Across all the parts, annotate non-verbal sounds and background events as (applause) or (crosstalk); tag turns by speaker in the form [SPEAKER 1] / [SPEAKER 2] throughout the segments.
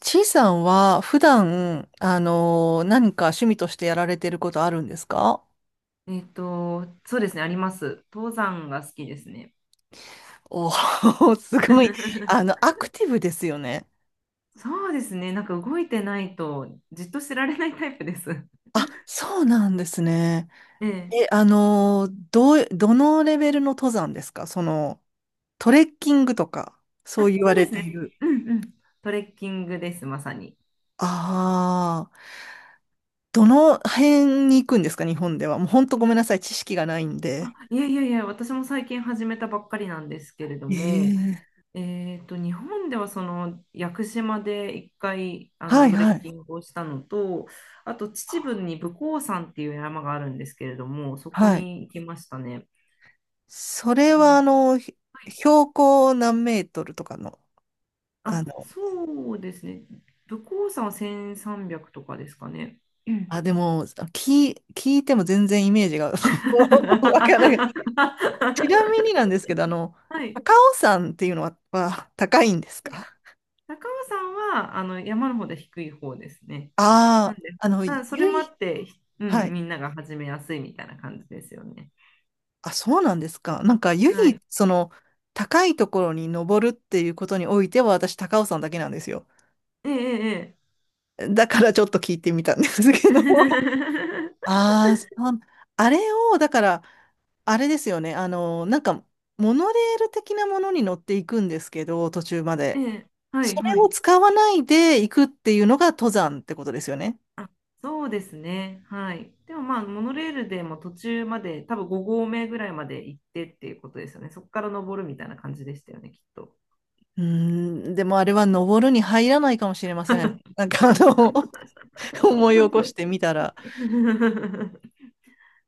[SPEAKER 1] ちいさんは普段、何か趣味としてやられてることあるんですか？
[SPEAKER 2] そうですね、あります。登山が好きですね。
[SPEAKER 1] おー (laughs)、すごい。あ
[SPEAKER 2] (laughs)
[SPEAKER 1] の、アクティブですよね。
[SPEAKER 2] そうですね、なんか動いてないとじっとしてられないタイプです。(laughs)
[SPEAKER 1] あ、そうなんですね。
[SPEAKER 2] ええ。
[SPEAKER 1] え、どのレベルの登山ですか？その、トレッキングとか、そう
[SPEAKER 2] あ、
[SPEAKER 1] 言
[SPEAKER 2] そ
[SPEAKER 1] わ
[SPEAKER 2] うで
[SPEAKER 1] れ
[SPEAKER 2] す
[SPEAKER 1] て
[SPEAKER 2] ね。
[SPEAKER 1] いる。
[SPEAKER 2] うんうん。トレッキングです、まさに。
[SPEAKER 1] ああ、どの辺に行くんですか、日本では？もう本当ごめんなさい。知識がないんで。
[SPEAKER 2] いやいやいや、私も最近始めたばっかりなんですけれども、
[SPEAKER 1] ええ、
[SPEAKER 2] 日本ではその屋久島で一回
[SPEAKER 1] はい
[SPEAKER 2] トレ
[SPEAKER 1] は
[SPEAKER 2] ッキ
[SPEAKER 1] い。
[SPEAKER 2] ングをしたのと、あと秩父に武甲山っていう山があるんですけれども、そこ
[SPEAKER 1] はい。
[SPEAKER 2] に行きましたね。
[SPEAKER 1] それ
[SPEAKER 2] で
[SPEAKER 1] はあの、ひ
[SPEAKER 2] はい
[SPEAKER 1] 標高何メートルとかの、あ
[SPEAKER 2] あ、
[SPEAKER 1] の、
[SPEAKER 2] そうですね。武甲山は1300とかですかね。うん
[SPEAKER 1] あ、でも、聞いても全然イメージが
[SPEAKER 2] (laughs)
[SPEAKER 1] (laughs) わからない。ちなみになんですけど、あの、
[SPEAKER 2] はい。
[SPEAKER 1] 高尾山っていうのは、は高いんですか？
[SPEAKER 2] 高尾山はあの山の方で低い方ですね。なん
[SPEAKER 1] ああ
[SPEAKER 2] で、
[SPEAKER 1] ー、あの、
[SPEAKER 2] ま
[SPEAKER 1] 唯
[SPEAKER 2] あ、それもあ
[SPEAKER 1] 一、
[SPEAKER 2] って、ひう
[SPEAKER 1] は
[SPEAKER 2] ん、
[SPEAKER 1] い。
[SPEAKER 2] みんなが始めやすいみたいな感じですよね。
[SPEAKER 1] あ、そうなんですか。なんか、唯
[SPEAKER 2] は
[SPEAKER 1] 一、
[SPEAKER 2] い。
[SPEAKER 1] その、高いところに登るっていうことにおいては、私、高尾山だけなんですよ。
[SPEAKER 2] えええ
[SPEAKER 1] だから、ちょっと聞いてみたんですけど。
[SPEAKER 2] え。
[SPEAKER 1] ああ、そう、あれを、だから、あれですよね。あの、なんか、モノレール的なものに乗っていくんですけど、途中ま
[SPEAKER 2] ええ (laughs)
[SPEAKER 1] で。
[SPEAKER 2] ええは
[SPEAKER 1] そ
[SPEAKER 2] いは
[SPEAKER 1] れを
[SPEAKER 2] い。
[SPEAKER 1] 使わないで行くっていうのが登山ってことですよね。
[SPEAKER 2] あ、そうですね。はい。でもまあ、モノレールでも途中まで、多分5合目ぐらいまで行ってっていうことですよね。そこから登るみたいな感じでしたよね、きっと。
[SPEAKER 1] うーん、でもあれは登るに入らないかもしれません。なんかあの、(laughs) 思い起こしてみたら。
[SPEAKER 2] (laughs)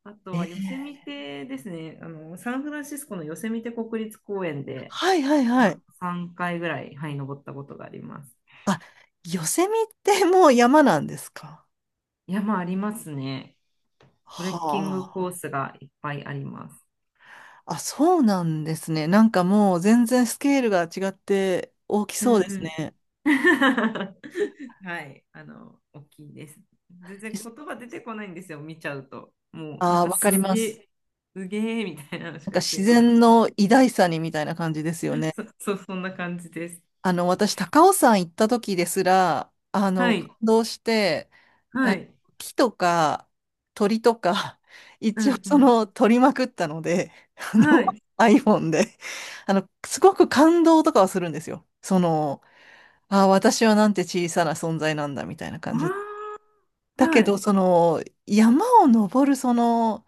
[SPEAKER 2] あと
[SPEAKER 1] え
[SPEAKER 2] はヨセミ
[SPEAKER 1] ー、
[SPEAKER 2] テですね。あの、サンフランシスコのヨセミテ国立公園で、
[SPEAKER 1] はいはいは
[SPEAKER 2] ま
[SPEAKER 1] い。
[SPEAKER 2] あ、3回ぐらい、はい、登ったことがあります。
[SPEAKER 1] あ、ヨセミってもう山なんですか？
[SPEAKER 2] 山ありますね。トレッキング
[SPEAKER 1] は
[SPEAKER 2] コー
[SPEAKER 1] あ。
[SPEAKER 2] スがいっぱいあります。
[SPEAKER 1] あ、そうなんですね。なんかもう全然スケールが違って大き
[SPEAKER 2] うん
[SPEAKER 1] そ
[SPEAKER 2] う
[SPEAKER 1] うです
[SPEAKER 2] ん
[SPEAKER 1] ね。
[SPEAKER 2] (laughs) はい、あの、大きいです。全然言葉出てこないんですよ、見ちゃうと。もう、なん
[SPEAKER 1] ああ、
[SPEAKER 2] か
[SPEAKER 1] わかり
[SPEAKER 2] す
[SPEAKER 1] ま
[SPEAKER 2] げ
[SPEAKER 1] す。
[SPEAKER 2] え、すげえみたいなのし
[SPEAKER 1] なん
[SPEAKER 2] か
[SPEAKER 1] か
[SPEAKER 2] 出て
[SPEAKER 1] 自
[SPEAKER 2] こなく
[SPEAKER 1] 然
[SPEAKER 2] て。
[SPEAKER 1] の偉大さにみたいな感じですよね。
[SPEAKER 2] そ、(laughs) そんな感じです。
[SPEAKER 1] あの、私、高尾山行った時ですら、あ
[SPEAKER 2] は
[SPEAKER 1] の、感
[SPEAKER 2] い、
[SPEAKER 1] 動して、
[SPEAKER 2] はい、
[SPEAKER 1] 木とか鳥とか、(laughs)
[SPEAKER 2] う
[SPEAKER 1] 一応そ
[SPEAKER 2] ん、
[SPEAKER 1] の、撮りまくったので、あ
[SPEAKER 2] うん、
[SPEAKER 1] の、
[SPEAKER 2] はい。
[SPEAKER 1] iPhone で、あの、すごく感動とかはするんですよ。その、ああ、私はなんて小さな存在なんだ、みたいな感じで。
[SPEAKER 2] ああ、
[SPEAKER 1] だ
[SPEAKER 2] は
[SPEAKER 1] けど、
[SPEAKER 2] い、
[SPEAKER 1] その、山を登る、その、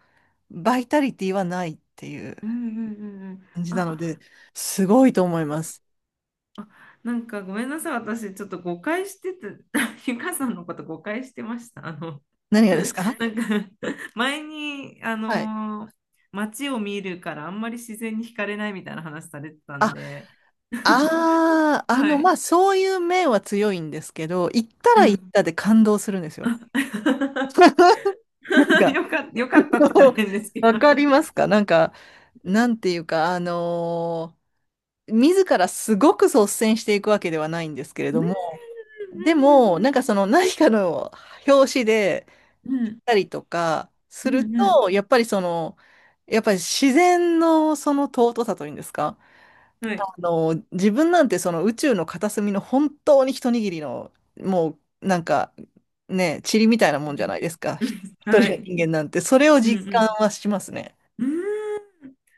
[SPEAKER 1] バイタリティはないっていう
[SPEAKER 2] うん、うん、うん。うん
[SPEAKER 1] 感じなの
[SPEAKER 2] あ、
[SPEAKER 1] で、すごいと思います。
[SPEAKER 2] あ、なんかごめんなさい、私、ちょっと誤解してて、(laughs) ゆかさんのこと誤解してました。あの、
[SPEAKER 1] 何がですか？
[SPEAKER 2] なんか (laughs) 前に、
[SPEAKER 1] はい。
[SPEAKER 2] 街を見るからあんまり自然に惹かれないみたいな話されてたん
[SPEAKER 1] あ、
[SPEAKER 2] で、(laughs)
[SPEAKER 1] ああ、あ
[SPEAKER 2] は
[SPEAKER 1] の、
[SPEAKER 2] い。
[SPEAKER 1] まあ、そういう面は強いんですけど、行った
[SPEAKER 2] う
[SPEAKER 1] ら行っ
[SPEAKER 2] ん。
[SPEAKER 1] たで感動するんですよ。
[SPEAKER 2] (laughs)
[SPEAKER 1] (laughs) なんか、
[SPEAKER 2] よかったっ
[SPEAKER 1] あ
[SPEAKER 2] て言ったら
[SPEAKER 1] の、
[SPEAKER 2] 変ですけど。
[SPEAKER 1] わかりますか？なんか、なんていうか、自らすごく率先していくわけではないんですけれ
[SPEAKER 2] う
[SPEAKER 1] ど
[SPEAKER 2] ん
[SPEAKER 1] も、でも、
[SPEAKER 2] うん
[SPEAKER 1] なんかその何かの表紙で
[SPEAKER 2] うんう
[SPEAKER 1] 行っ
[SPEAKER 2] ん
[SPEAKER 1] たりとかす
[SPEAKER 2] うん
[SPEAKER 1] る
[SPEAKER 2] うんうん
[SPEAKER 1] と、やっぱりその、やっぱり自然のその尊さというんですか？
[SPEAKER 2] うんはい。
[SPEAKER 1] あの、自分なんてその宇宙の片隅の本当に一握りの、もうなんかね、塵みたいな
[SPEAKER 2] う
[SPEAKER 1] もんじゃ
[SPEAKER 2] ん
[SPEAKER 1] ないですか。ひ一
[SPEAKER 2] は
[SPEAKER 1] 人の
[SPEAKER 2] い。
[SPEAKER 1] 人間なんて、それを
[SPEAKER 2] うん
[SPEAKER 1] 実
[SPEAKER 2] う
[SPEAKER 1] 感
[SPEAKER 2] ん
[SPEAKER 1] はしますね。
[SPEAKER 2] うーん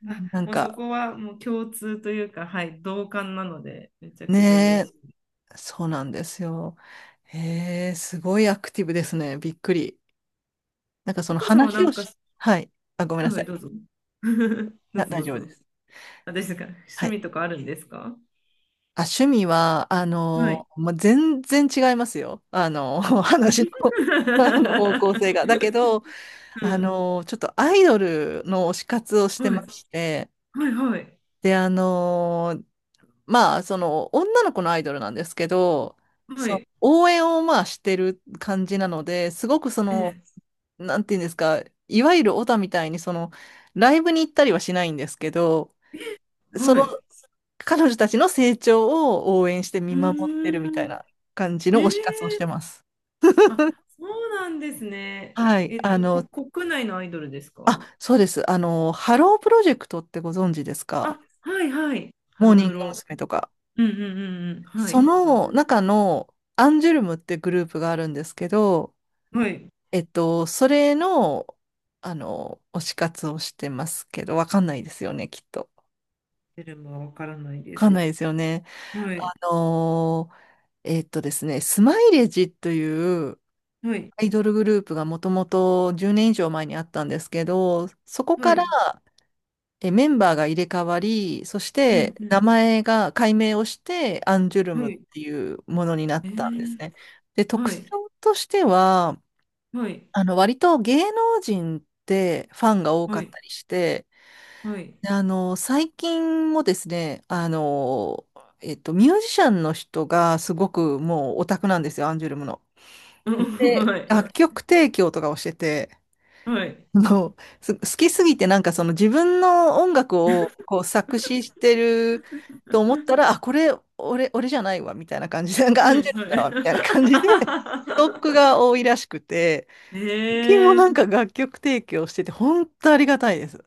[SPEAKER 1] う
[SPEAKER 2] あ、
[SPEAKER 1] ん、なん
[SPEAKER 2] もうそ
[SPEAKER 1] か、
[SPEAKER 2] こはもう共通というか、はい、同感なので、めちゃ
[SPEAKER 1] ね
[SPEAKER 2] くちゃ嬉し
[SPEAKER 1] え、
[SPEAKER 2] い。
[SPEAKER 1] そうなんですよ。へえ、すごいアクティブですね。びっくり。なんかそ
[SPEAKER 2] ゆ
[SPEAKER 1] の
[SPEAKER 2] かさんはな
[SPEAKER 1] 話を
[SPEAKER 2] んか、
[SPEAKER 1] し、はい。あ、ごめん
[SPEAKER 2] は
[SPEAKER 1] な
[SPEAKER 2] いは
[SPEAKER 1] さ
[SPEAKER 2] い、どう
[SPEAKER 1] い。
[SPEAKER 2] ぞ。(laughs) どう
[SPEAKER 1] あ、
[SPEAKER 2] ぞ
[SPEAKER 1] 大
[SPEAKER 2] どう
[SPEAKER 1] 丈夫で
[SPEAKER 2] ぞ。
[SPEAKER 1] す。
[SPEAKER 2] あ、ですか。趣
[SPEAKER 1] は
[SPEAKER 2] 味
[SPEAKER 1] い。
[SPEAKER 2] とかあるんですか？
[SPEAKER 1] あ、趣味は、あ
[SPEAKER 2] はい。
[SPEAKER 1] の、まあ、全然違いますよ。あの、(laughs) 話の、あの方向
[SPEAKER 2] (laughs)
[SPEAKER 1] 性が。だけど、
[SPEAKER 2] う
[SPEAKER 1] あ
[SPEAKER 2] ん。
[SPEAKER 1] の、ちょっとアイドルの推し活をして
[SPEAKER 2] はい。
[SPEAKER 1] まして、
[SPEAKER 2] はいはい。
[SPEAKER 1] で、あの、まあ、その、女の子のアイドルなんですけど、
[SPEAKER 2] は
[SPEAKER 1] その、
[SPEAKER 2] い。
[SPEAKER 1] 応援をまあしてる感じなので、すごくそ
[SPEAKER 2] え
[SPEAKER 1] の、
[SPEAKER 2] え。
[SPEAKER 1] なんていうんですか、いわゆるオタみたいに、その、ライブに行ったりはしないんですけど、そ
[SPEAKER 2] は
[SPEAKER 1] の、
[SPEAKER 2] い。
[SPEAKER 1] 彼女たちの成長を応援して
[SPEAKER 2] う
[SPEAKER 1] 見
[SPEAKER 2] ー
[SPEAKER 1] 守ってるみたい
[SPEAKER 2] ん。
[SPEAKER 1] な感じ
[SPEAKER 2] え
[SPEAKER 1] の推し活をし
[SPEAKER 2] え。
[SPEAKER 1] てます。
[SPEAKER 2] あ、そうなんですね。
[SPEAKER 1] はい。
[SPEAKER 2] えっ
[SPEAKER 1] あ
[SPEAKER 2] と、
[SPEAKER 1] の、
[SPEAKER 2] こ国内のアイドルですか？
[SPEAKER 1] あ、そうです。あの、ハロープロジェクトってご存知ですか？
[SPEAKER 2] あ、はいはい。ハ
[SPEAKER 1] モー
[SPEAKER 2] ロ
[SPEAKER 1] ニン
[SPEAKER 2] プ
[SPEAKER 1] グ
[SPEAKER 2] ロ。
[SPEAKER 1] 娘。とか。
[SPEAKER 2] うんうんうんうん。は
[SPEAKER 1] そ
[SPEAKER 2] い。存じ
[SPEAKER 1] の
[SPEAKER 2] 上げ
[SPEAKER 1] 中のアンジュルムってグループがあるんですけど、
[SPEAKER 2] はい。
[SPEAKER 1] えっと、それの、あの、推し活をしてますけど、わかんないですよね、きっと。
[SPEAKER 2] 出るもわからないで
[SPEAKER 1] わかん
[SPEAKER 2] す。
[SPEAKER 1] ないですよね。
[SPEAKER 2] はい。
[SPEAKER 1] あのーえっとですね、スマイレージという
[SPEAKER 2] はい。
[SPEAKER 1] アイドルグループがもともと10年以上前にあったんですけど、そこ
[SPEAKER 2] は
[SPEAKER 1] から、
[SPEAKER 2] い。
[SPEAKER 1] え、メンバーが入れ替わり、そし
[SPEAKER 2] うん
[SPEAKER 1] て
[SPEAKER 2] う
[SPEAKER 1] 名
[SPEAKER 2] ん。
[SPEAKER 1] 前が改名をして、アンジュル
[SPEAKER 2] は
[SPEAKER 1] ムっ
[SPEAKER 2] い。
[SPEAKER 1] ていうものになっ
[SPEAKER 2] ええ。
[SPEAKER 1] たんですね。で、
[SPEAKER 2] は
[SPEAKER 1] 特徴
[SPEAKER 2] い。
[SPEAKER 1] としては、
[SPEAKER 2] はい。
[SPEAKER 1] あの、割と芸能人ってファンが多か
[SPEAKER 2] は
[SPEAKER 1] っ
[SPEAKER 2] い。
[SPEAKER 1] たりして、
[SPEAKER 2] はい。
[SPEAKER 1] で、あの、最近もですね、あの、えっと、ミュージシャンの人がすごくもうオタクなんですよ、アンジュルムの。
[SPEAKER 2] うん (laughs) は
[SPEAKER 1] で、
[SPEAKER 2] い。
[SPEAKER 1] 楽曲提供とかをしてて、
[SPEAKER 2] はい。
[SPEAKER 1] もう、す好きすぎてなんかその自分の音楽をこう作詞してると思ったら、あ、これ、俺じゃないわ、みたいな感じで、なんかア
[SPEAKER 2] は
[SPEAKER 1] ン
[SPEAKER 2] い。
[SPEAKER 1] ジェリーだわ、みたいな感じで、ストック
[SPEAKER 2] は
[SPEAKER 1] が多いらしくて、
[SPEAKER 2] い。
[SPEAKER 1] 最近もな
[SPEAKER 2] (laughs) え
[SPEAKER 1] んか
[SPEAKER 2] え
[SPEAKER 1] 楽曲提供してて、本当ありがたいです。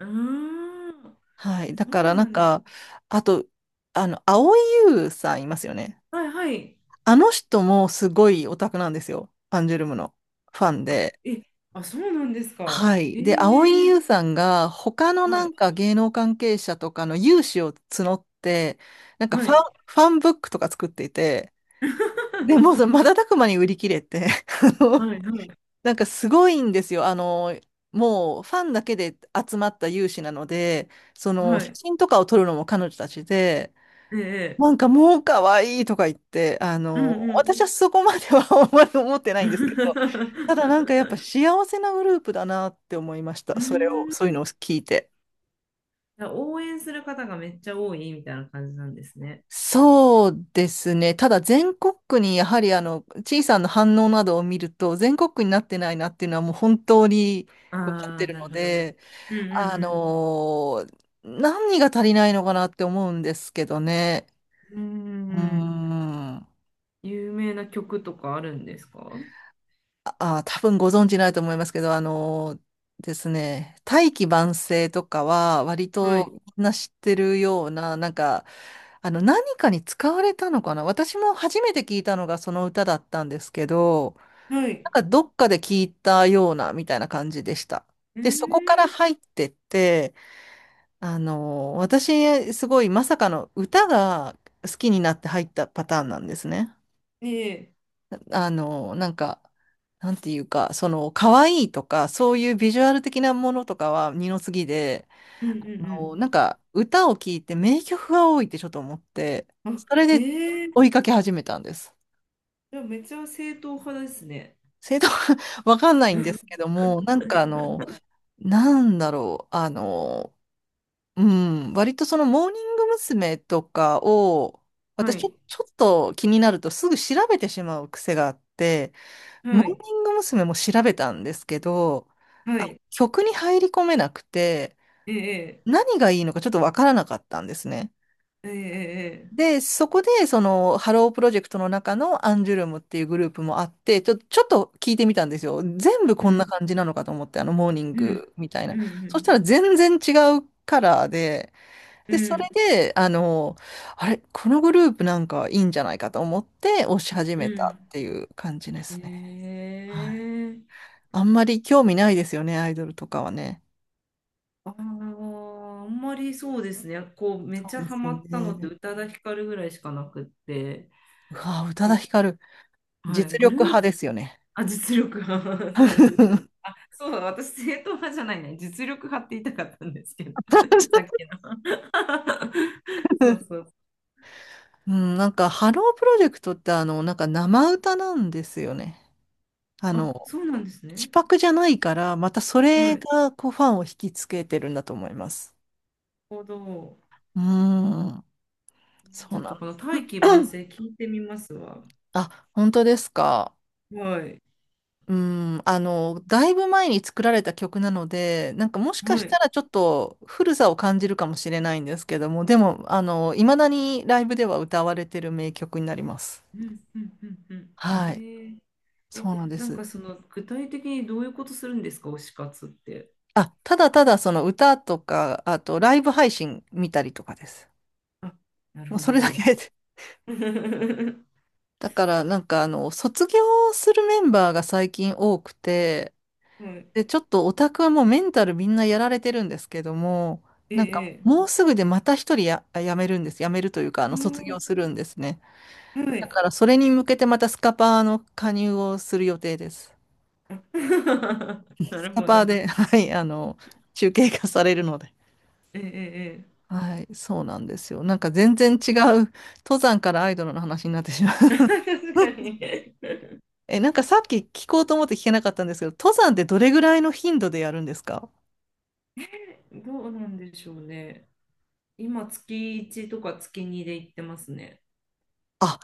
[SPEAKER 2] うーん。
[SPEAKER 1] はい。だ
[SPEAKER 2] そ
[SPEAKER 1] か
[SPEAKER 2] う
[SPEAKER 1] らな
[SPEAKER 2] な
[SPEAKER 1] ん
[SPEAKER 2] んです。
[SPEAKER 1] か、あと、あの、蒼井優さんいますよね。
[SPEAKER 2] はい。はい。
[SPEAKER 1] あの人もすごいオタクなんですよ。アンジュルムのファン
[SPEAKER 2] あ、
[SPEAKER 1] で。
[SPEAKER 2] え、あ、そうなんですか。
[SPEAKER 1] はい。
[SPEAKER 2] え
[SPEAKER 1] で、蒼井
[SPEAKER 2] え
[SPEAKER 1] 優さんが他の
[SPEAKER 2] は
[SPEAKER 1] な
[SPEAKER 2] い。
[SPEAKER 1] んか芸能関係者とかの有志を募って、なんか
[SPEAKER 2] は
[SPEAKER 1] ファン、
[SPEAKER 2] い。
[SPEAKER 1] ファンブックとか作っていて、でもうその
[SPEAKER 2] (laughs)
[SPEAKER 1] 瞬く間に売り切れて、(laughs) あの、
[SPEAKER 2] はい。はい。
[SPEAKER 1] なんかすごいんですよ。あの、もうファンだけで集まった有志なので、その
[SPEAKER 2] は
[SPEAKER 1] 写
[SPEAKER 2] い。
[SPEAKER 1] 真とかを撮るのも彼女たちで、
[SPEAKER 2] ええ
[SPEAKER 1] なんかもう可愛いとか言って、あ
[SPEAKER 2] う
[SPEAKER 1] の、
[SPEAKER 2] んうん。
[SPEAKER 1] 私はそこまでは (laughs) あんまり思ってないんですけど、ただなんかやっ
[SPEAKER 2] (laughs)
[SPEAKER 1] ぱ幸せなグループだなって思いまし
[SPEAKER 2] う
[SPEAKER 1] た。それを、
[SPEAKER 2] ーん。じ
[SPEAKER 1] そういうのを聞いて。
[SPEAKER 2] ゃあ応援する方がめっちゃ多いみたいな感じなんですね。
[SPEAKER 1] そうですね。ただ全国区にやはりあの、小さな反応などを見ると、全国区になってないなっていうのはもう本当に
[SPEAKER 2] あ
[SPEAKER 1] 分かって
[SPEAKER 2] あ、
[SPEAKER 1] る
[SPEAKER 2] な
[SPEAKER 1] の
[SPEAKER 2] るほど。
[SPEAKER 1] で、
[SPEAKER 2] うんう
[SPEAKER 1] 何が足りないのかなって思うんですけどね。
[SPEAKER 2] んう
[SPEAKER 1] うー
[SPEAKER 2] ん。うーん。
[SPEAKER 1] ん。あ、
[SPEAKER 2] 有名な曲とかあるんですか？
[SPEAKER 1] あ、多分ご存知ないと思いますけど、あのですね、大器晩成とかは割
[SPEAKER 2] はい。
[SPEAKER 1] とみんな知ってるような、なんか、あの、何かに使われたのかな、私も初めて聞いたのがその歌だったんですけど、
[SPEAKER 2] は
[SPEAKER 1] な
[SPEAKER 2] い。
[SPEAKER 1] んかどっかで聞いたようなみたいな感じでした。
[SPEAKER 2] うー
[SPEAKER 1] で、そこから
[SPEAKER 2] ん。
[SPEAKER 1] 入ってって、あの、私、すごいまさかの歌が好きになって入ったパターンなんですね。
[SPEAKER 2] ねえ。
[SPEAKER 1] あの、なんか、なんていうか、その、可愛いとか、そういうビジュアル的なものとかは二の次で、
[SPEAKER 2] うんう
[SPEAKER 1] あの、
[SPEAKER 2] ん
[SPEAKER 1] なんか歌を聴いて名曲が多いってちょっと思って、
[SPEAKER 2] うん。あ、
[SPEAKER 1] それで
[SPEAKER 2] え
[SPEAKER 1] 追
[SPEAKER 2] え
[SPEAKER 1] いかけ始めたんです。
[SPEAKER 2] じゃあめっちゃ正統派ですね。
[SPEAKER 1] 正当 (laughs) わかんないんですけども、なんかあの、なんだろう、あの、うん、割とそのモーニング娘。とかを、
[SPEAKER 2] は
[SPEAKER 1] 私ちょ、
[SPEAKER 2] い。
[SPEAKER 1] ちょっと気になるとすぐ調べてしまう癖があって、モー
[SPEAKER 2] はい。
[SPEAKER 1] ニング娘。も調べたんですけど、
[SPEAKER 2] は
[SPEAKER 1] あ、
[SPEAKER 2] い。
[SPEAKER 1] 曲に入り込めなくて、
[SPEAKER 2] ええ
[SPEAKER 1] 何がいいのかちょっとわからなかったんですね。
[SPEAKER 2] ええええ
[SPEAKER 1] で、そこで、その、ハロープロジェクトの中のアンジュルムっていうグループもあって、ちょっと聞いてみたんですよ。全部
[SPEAKER 2] えう
[SPEAKER 1] こんな
[SPEAKER 2] ん。
[SPEAKER 1] 感じなのかと思って、あの、モーニン
[SPEAKER 2] うん。
[SPEAKER 1] グみたい
[SPEAKER 2] う
[SPEAKER 1] な。そしたら
[SPEAKER 2] ん。
[SPEAKER 1] 全然違うカラーで、
[SPEAKER 2] う
[SPEAKER 1] で、それ
[SPEAKER 2] ん。
[SPEAKER 1] で、あの、あれ、このグループなんかいいんじゃないかと思って推し始
[SPEAKER 2] う
[SPEAKER 1] めたっ
[SPEAKER 2] ん
[SPEAKER 1] ていう感じで
[SPEAKER 2] う
[SPEAKER 1] すね。はい。
[SPEAKER 2] んええ
[SPEAKER 1] あんまり興味ないですよね、アイドルとかはね。
[SPEAKER 2] あああんまりそうですね。こう、め
[SPEAKER 1] そ
[SPEAKER 2] ち
[SPEAKER 1] う
[SPEAKER 2] ゃ
[SPEAKER 1] で
[SPEAKER 2] ハ
[SPEAKER 1] すよ
[SPEAKER 2] マったのって
[SPEAKER 1] ね。
[SPEAKER 2] 宇多田ヒカルぐらいしかなくって、
[SPEAKER 1] うわぁ、宇多田
[SPEAKER 2] こ
[SPEAKER 1] ヒカル、
[SPEAKER 2] う、はい、
[SPEAKER 1] 実
[SPEAKER 2] グル
[SPEAKER 1] 力
[SPEAKER 2] ー
[SPEAKER 1] 派
[SPEAKER 2] プ、
[SPEAKER 1] ですよね。
[SPEAKER 2] あ、実力派、(laughs) そうですね。
[SPEAKER 1] (laughs)
[SPEAKER 2] そうだ、私、正統派じゃないね。実力派って言いたかったんですけど、(laughs) さっきの。(laughs) そうそう。
[SPEAKER 1] うん、なんか、ハロープロジェクトって、あの、なんか生歌なんですよね。あ
[SPEAKER 2] あ、
[SPEAKER 1] の、
[SPEAKER 2] そうなんです
[SPEAKER 1] 口
[SPEAKER 2] ね。
[SPEAKER 1] パクじゃないから、またそ
[SPEAKER 2] はい。な
[SPEAKER 1] れ
[SPEAKER 2] る
[SPEAKER 1] が、こう、ファンを引きつけてるんだと思います。
[SPEAKER 2] ほど。
[SPEAKER 1] うーん、
[SPEAKER 2] ち
[SPEAKER 1] そ
[SPEAKER 2] ょ
[SPEAKER 1] う
[SPEAKER 2] っ
[SPEAKER 1] な
[SPEAKER 2] とこ
[SPEAKER 1] ん。
[SPEAKER 2] の大器晩成聞いてみますわ。
[SPEAKER 1] あ、本当ですか。
[SPEAKER 2] はい。
[SPEAKER 1] うーん、あの、だいぶ前に作られた曲なので、なんかもしか
[SPEAKER 2] は
[SPEAKER 1] した
[SPEAKER 2] い。
[SPEAKER 1] らちょっと古さを感じるかもしれないんですけども、でも、あの、いまだにライブでは歌われてる名曲になります。
[SPEAKER 2] うんうんうんうん。え
[SPEAKER 1] はい、
[SPEAKER 2] ー、え、
[SPEAKER 1] そうなんで
[SPEAKER 2] なん
[SPEAKER 1] す。
[SPEAKER 2] かその具体的にどういうことするんですか、推し活って？
[SPEAKER 1] あ、ただただその歌とか、あとライブ配信見たりとかです。
[SPEAKER 2] あ、なる
[SPEAKER 1] もうそ
[SPEAKER 2] ほ
[SPEAKER 1] れだけ
[SPEAKER 2] ど。
[SPEAKER 1] で。
[SPEAKER 2] (laughs) は
[SPEAKER 1] だからなんかあの、卒業するメンバーが最近多くて、で、
[SPEAKER 2] い。
[SPEAKER 1] ちょっとオタクはもうメンタルみんなやられてるんですけども、
[SPEAKER 2] え
[SPEAKER 1] なんか
[SPEAKER 2] え。
[SPEAKER 1] もうすぐでまた一人や、辞めるんです。辞めるというか、あの、
[SPEAKER 2] う
[SPEAKER 1] 卒業
[SPEAKER 2] ん
[SPEAKER 1] するんですね。
[SPEAKER 2] は
[SPEAKER 1] だ
[SPEAKER 2] い。
[SPEAKER 1] からそれに向けてまたスカパーの加入をする予定です。
[SPEAKER 2] (laughs) な
[SPEAKER 1] ス
[SPEAKER 2] る
[SPEAKER 1] カ
[SPEAKER 2] ほ
[SPEAKER 1] パー
[SPEAKER 2] ど。
[SPEAKER 1] で、はい、あの、中継化されるので。
[SPEAKER 2] ええ。ええ
[SPEAKER 1] はい、そうなんですよ。なんか全然違う、登山からアイドルの話になってしまう。
[SPEAKER 2] (laughs) 確かに。
[SPEAKER 1] (laughs) え、なんかさっき聞こうと思って聞けなかったんですけど、登山ってどれぐらいの頻度でやるんですか？
[SPEAKER 2] どうなんでしょうね。今、月1とか月2で行ってますね。
[SPEAKER 1] あ、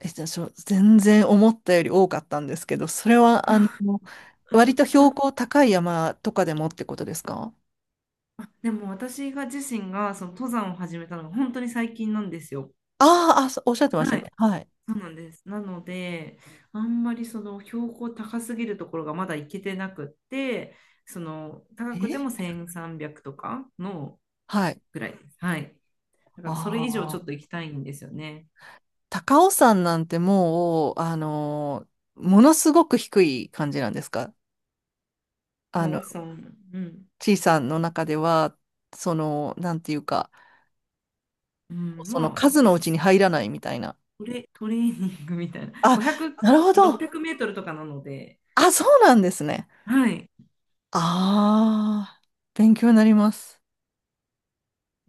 [SPEAKER 1] え、じゃあ、ちょ全然思ったより多かったんですけど、それは、あの、割と標高高い山とかでもってことですか？
[SPEAKER 2] でも私が自身がその登山を始めたのが本当に最近なんですよ。
[SPEAKER 1] あーあ、そうおっしゃってました
[SPEAKER 2] は
[SPEAKER 1] ね。
[SPEAKER 2] い、
[SPEAKER 1] はい。
[SPEAKER 2] そうなんです。なので、あんまりその標高高すぎるところがまだ行けてなくって、その高くても
[SPEAKER 1] え、
[SPEAKER 2] 1300とかの
[SPEAKER 1] はい。
[SPEAKER 2] ぐらいです。はい。だか
[SPEAKER 1] あ
[SPEAKER 2] らそれ以上ちょ
[SPEAKER 1] あ、
[SPEAKER 2] っと行きたいんですよね。
[SPEAKER 1] 高尾山なんてもう、ものすごく低い感じなんですか？あの
[SPEAKER 2] おさん、うん。
[SPEAKER 1] ちいさんの中では、その、なんていうか、
[SPEAKER 2] うん、
[SPEAKER 1] その
[SPEAKER 2] ま
[SPEAKER 1] 数のう
[SPEAKER 2] あ、
[SPEAKER 1] ちに入らないみたいな。
[SPEAKER 2] トレーニングみたいな、
[SPEAKER 1] あ、
[SPEAKER 2] 500、
[SPEAKER 1] なるほ
[SPEAKER 2] 600メ
[SPEAKER 1] ど。
[SPEAKER 2] ートルとかなので、
[SPEAKER 1] あ、そうなんですね。
[SPEAKER 2] はい、
[SPEAKER 1] ああ、勉強になります。